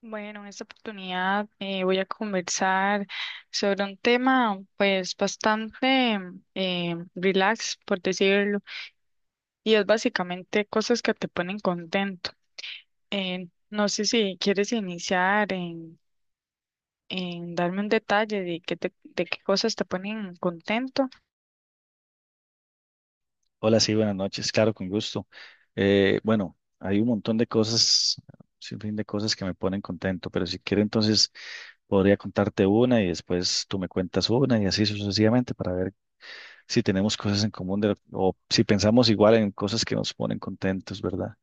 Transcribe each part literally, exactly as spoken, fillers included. Bueno, en esta oportunidad eh, voy a conversar sobre un tema pues bastante eh, relax, por decirlo, y es básicamente cosas que te ponen contento. Eh, no sé si quieres iniciar en, en darme un detalle de qué te- de qué cosas te ponen contento. Hola, sí, buenas noches, claro, con gusto. Eh, bueno, hay un montón de cosas, sin fin de cosas que me ponen contento, pero si quiero entonces podría contarte una y después tú me cuentas una y así sucesivamente para ver si tenemos cosas en común de lo- o si pensamos igual en cosas que nos ponen contentos, ¿verdad?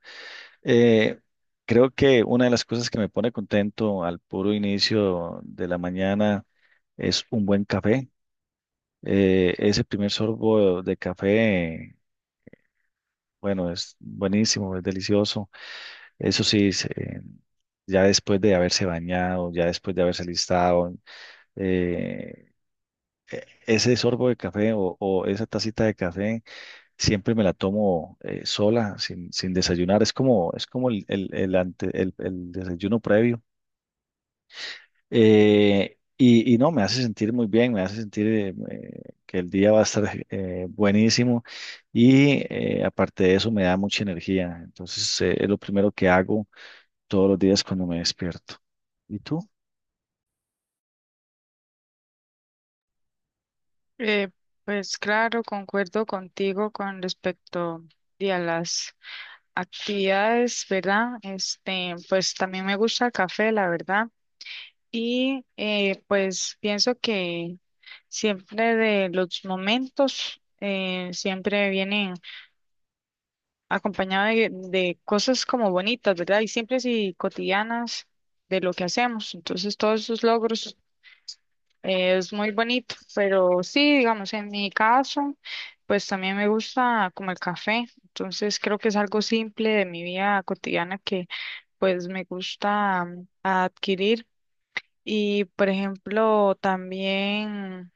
Eh, Creo que una de las cosas que me pone contento al puro inicio de la mañana es un buen café. Eh, ese primer sorbo de café. Bueno, es buenísimo, es delicioso. Eso sí, se- eh, ya después de haberse bañado, ya después de haberse listado, eh, e- ese sorbo de café o, o esa tacita de café siempre me la tomo eh, sola, sin, sin desayunar. Es como, es como el, el, el ante- el- el desayuno previo. Eh, y, y no, me hace sentir muy bien, me hace sentir eh, eh, que el día va a estar eh, buenísimo y eh, aparte de eso me da mucha energía. Entonces eh, es lo primero que hago todos los días cuando me despierto. ¿Y tú? Eh, pues claro, concuerdo contigo con respecto de a las actividades, ¿verdad? Este, pues también me gusta el café, la verdad. Y eh, pues pienso que siempre de los momentos eh, siempre vienen acompañados de, de cosas como bonitas, ¿verdad? Y simples y cotidianas de lo que hacemos. Entonces todos esos logros eh, es muy bonito, pero sí, digamos, en mi caso, pues también me gusta como el café. Entonces creo que es algo simple de mi vida cotidiana que pues me gusta mm, adquirir. Y, por ejemplo, también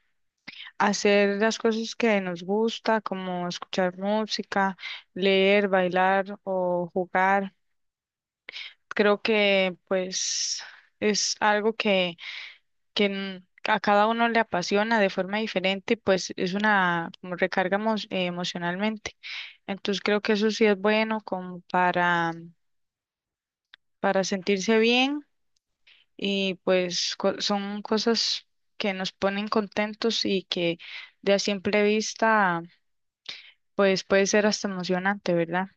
hacer las cosas que nos gusta, como escuchar música, leer, bailar o jugar. Creo que, pues, es algo que, que n- a cada uno le apasiona de forma diferente, y, pues es una como recarga emo- eh, emocionalmente. Entonces, creo que eso sí es bueno como para, para sentirse bien y pues co- son cosas que nos ponen contentos y que de a simple vista pues puede ser hasta emocionante, ¿verdad?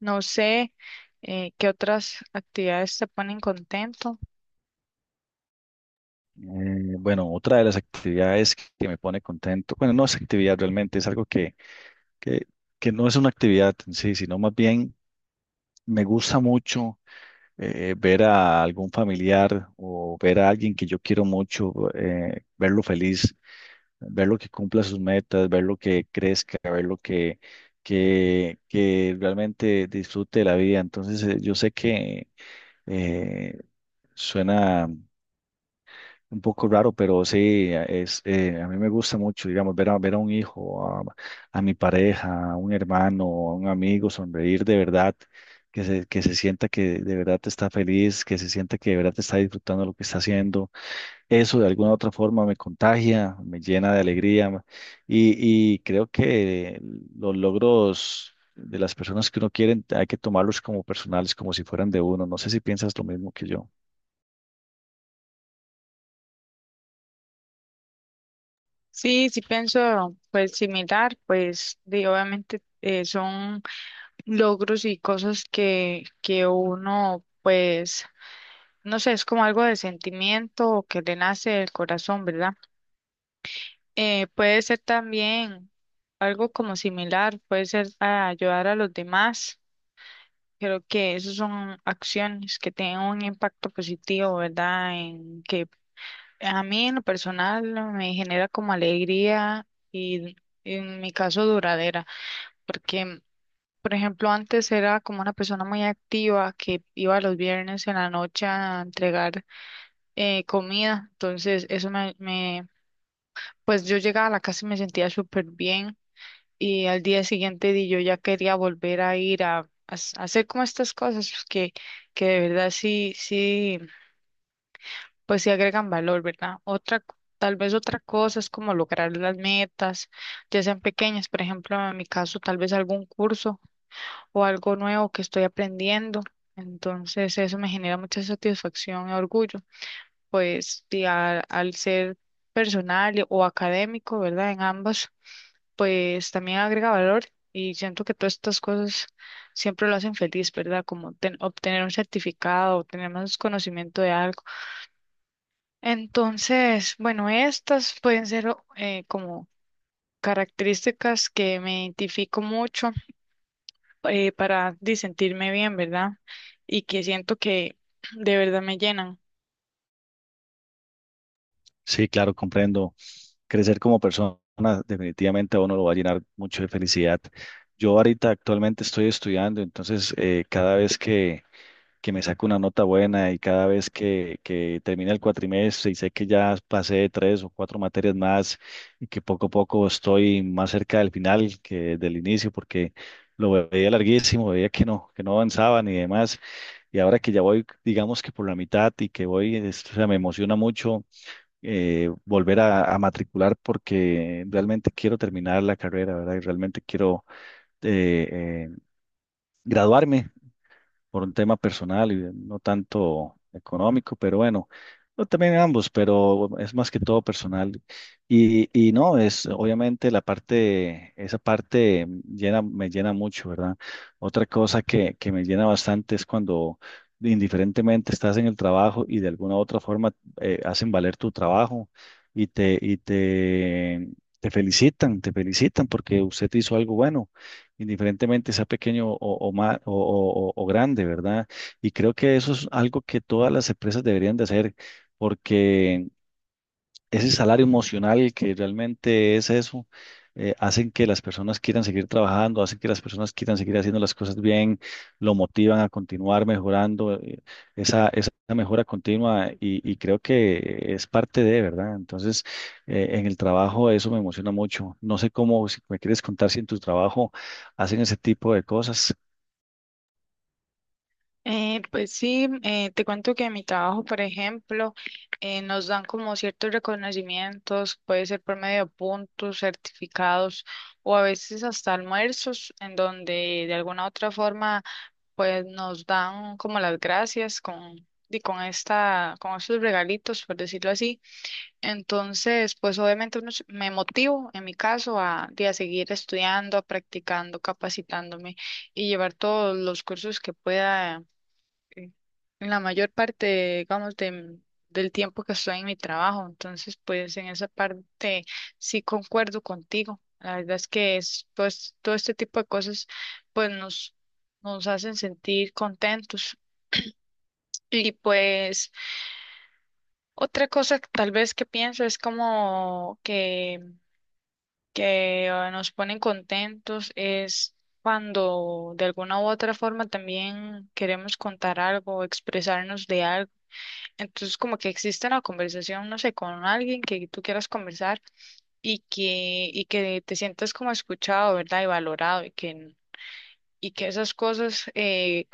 No sé eh, qué otras actividades te ponen contento. Eh, bueno, otra de las actividades que me pone contento, bueno, no es actividad realmente, es algo que, que, que no es una actividad en sí, sino más bien me gusta mucho eh, ver a algún familiar o ver a alguien que yo quiero mucho, eh, verlo feliz. Ver lo que cumpla sus metas, ver lo que crezca, ver lo que, que, que realmente disfrute de la vida. Entonces, eh, yo sé que eh, suena un poco raro, pero sí, es, eh, a mí me gusta mucho, digamos, ver a, ver a un hijo, a, a mi pareja, a un hermano, a un amigo, sonreír de verdad. Que se, que se sienta que de verdad está feliz, que se sienta que de verdad está disfrutando lo que está haciendo. Eso de alguna u otra forma me contagia, me llena de alegría ma- y, y creo que los logros de las personas que uno quiere hay que tomarlos como personales, como si fueran de uno. No sé si piensas lo mismo que yo. Sí, sí pienso pues similar, pues de, obviamente eh, son logros y cosas que, que uno pues, no sé, es como algo de sentimiento o que le nace del corazón, ¿verdad? Eh, puede ser también algo como similar, puede ser a ayudar a los demás. Creo que esas son acciones que tienen un impacto positivo, ¿verdad? En que a mí en lo personal me genera como alegría y en mi caso duradera, porque por ejemplo antes era como una persona muy activa que iba los viernes en la noche a entregar eh, comida, entonces eso me, me pues yo llegaba a la casa y me sentía súper bien y al día siguiente di, yo ya quería volver a ir a, a s- a hacer como estas cosas pues, que, que de verdad sí, sí, pues sí agregan valor, ¿verdad? Otra, c- tal vez otra cosa es como lograr las metas, ya sean pequeñas, por ejemplo, en mi caso, tal vez algún curso o algo nuevo que estoy aprendiendo. Entonces eso me genera mucha satisfacción y orgullo, pues y a- al ser personal y- o académico, ¿verdad? En ambas pues también agrega valor y siento que todas estas cosas siempre lo hacen feliz, ¿verdad? Como ten- obtener un certificado, obtener más conocimiento de algo. Entonces, bueno, estas pueden ser o- eh, como características que me identifico mucho eh, para di, sentirme bien, ¿verdad? Y que siento que de verdad me llenan. Sí, claro, comprendo. Crecer como persona definitivamente a uno lo va a llenar mucho de felicidad. Yo ahorita actualmente estoy estudiando, entonces eh, cada vez que que me saco una nota buena y cada vez que, que termina el cuatrimestre y sé que ya pasé tres o cuatro materias más y que poco a poco estoy más cerca del final que del inicio porque lo veía larguísimo, veía que no, que no avanzaban y demás. Y ahora que ya voy, digamos que por la mitad y que voy, es- o sea, me emociona mucho eh, volver a, a matricular porque realmente quiero terminar la carrera, ¿verdad? Y realmente quiero eh, eh, graduarme por un tema personal y no tanto económico, pero bueno, no, también ambos, pero es más que todo personal. Y, y no, es obviamente la parte, esa parte llena, me llena mucho, ¿verdad? Otra cosa que, que me llena bastante es cuando indiferentemente estás en el trabajo y de alguna u otra forma eh, hacen valer tu trabajo y te, y te, te felicitan, te felicitan porque usted hizo algo bueno indiferentemente sea pequeño o, o, ma- o, o- o- o grande, ¿verdad? Y creo que eso es algo que todas las empresas deberían de hacer, porque ese salario emocional que realmente es eso, eh, hacen que las personas quieran seguir trabajando, hacen que las personas quieran seguir haciendo las cosas bien, lo motivan a continuar mejorando, eh, esa, esa mejora continua y, y creo que es parte de, ¿verdad? Entonces, eh, en el trabajo eso me emociona mucho. No sé cómo, si me quieres contar si en tu trabajo hacen ese tipo de cosas. Eh, pues sí, eh, te cuento que en mi trabajo, por ejemplo, eh, nos dan como ciertos reconocimientos, puede ser por medio de puntos, certificados o a veces hasta almuerzos, en donde de alguna u otra forma pues nos dan como las gracias con, y con esta, con estos regalitos, por decirlo así. Entonces, pues obviamente uno se- me motivo en mi caso a, de a seguir estudiando, practicando, capacitándome y llevar todos los cursos que pueda eh, en la mayor parte, digamos, de- del tiempo que estoy en mi trabajo. Entonces, pues en esa parte sí concuerdo contigo. La verdad es que es, pues, todo este tipo de cosas, pues nos, nos hacen sentir contentos. Y pues otra cosa que tal vez que pienso es como que, que eh, nos ponen contentos es cuando de alguna u otra forma también queremos contar algo, expresarnos de algo. Entonces, como que existe la conversación, no sé, con alguien que tú quieras conversar y que, y que te sientas como escuchado, ¿verdad? Y valorado y que, y que esas cosas, eh,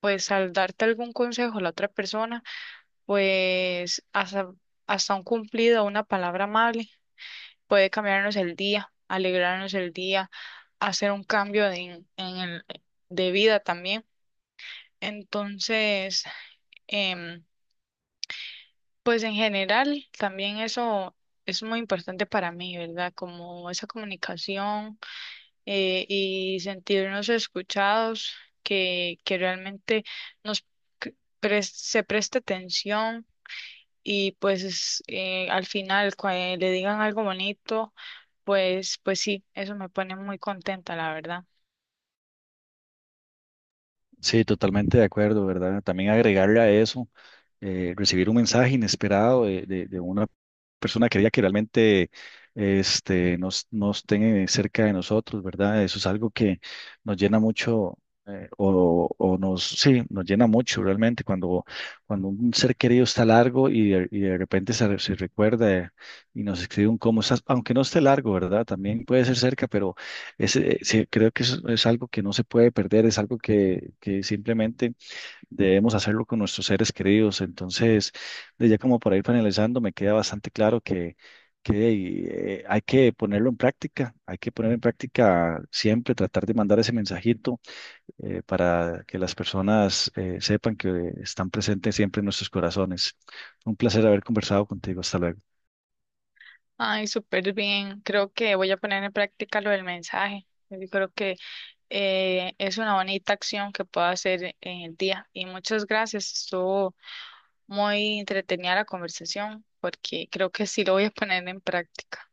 pues al darte algún consejo a la otra persona, pues hasta, hasta un cumplido, una palabra amable, puede cambiarnos el día, alegrarnos el día, hacer un cambio de- en el, de vida también. Entonces, em, pues en general, también eso es muy importante para mí, ¿verdad? Como esa comunicación eh, y sentirnos escuchados, que, que realmente nos c- pres- se preste atención y pues es, eh, al final cuando le digan algo bonito, pues, pues sí, eso me pone muy contenta, la verdad. Sí, totalmente de acuerdo, ¿verdad? También agregarle a eso, eh, recibir un mensaje inesperado de, de- de una persona querida que realmente este, nos, nos tenga cerca de nosotros, ¿verdad? Eso es algo que nos llena mucho, eh, o, o nos, sí, nos llena mucho realmente cuando, cuando un ser querido está largo y de, y de repente se, se recuerda y nos escribe un cómo estás, aunque no esté largo, ¿verdad? También puede ser cerca, pero es, eh, sí, creo que eso es algo que no se puede perder, es algo que, que simplemente debemos hacerlo con nuestros seres queridos. Entonces, de ya como para ir finalizando, me queda bastante claro que, que eh, hay que ponerlo en práctica, hay que poner en práctica siempre, tratar de mandar ese mensajito eh, para que las personas eh, sepan que están presentes siempre en nuestros corazones. Un placer haber conversado contigo, hasta luego. Ay, súper bien. Creo que voy a poner en práctica lo del mensaje. Yo creo que eh, es una bonita acción que puedo hacer en el día. Y muchas gracias, estuvo muy entretenida la conversación porque creo que sí lo voy a poner en práctica.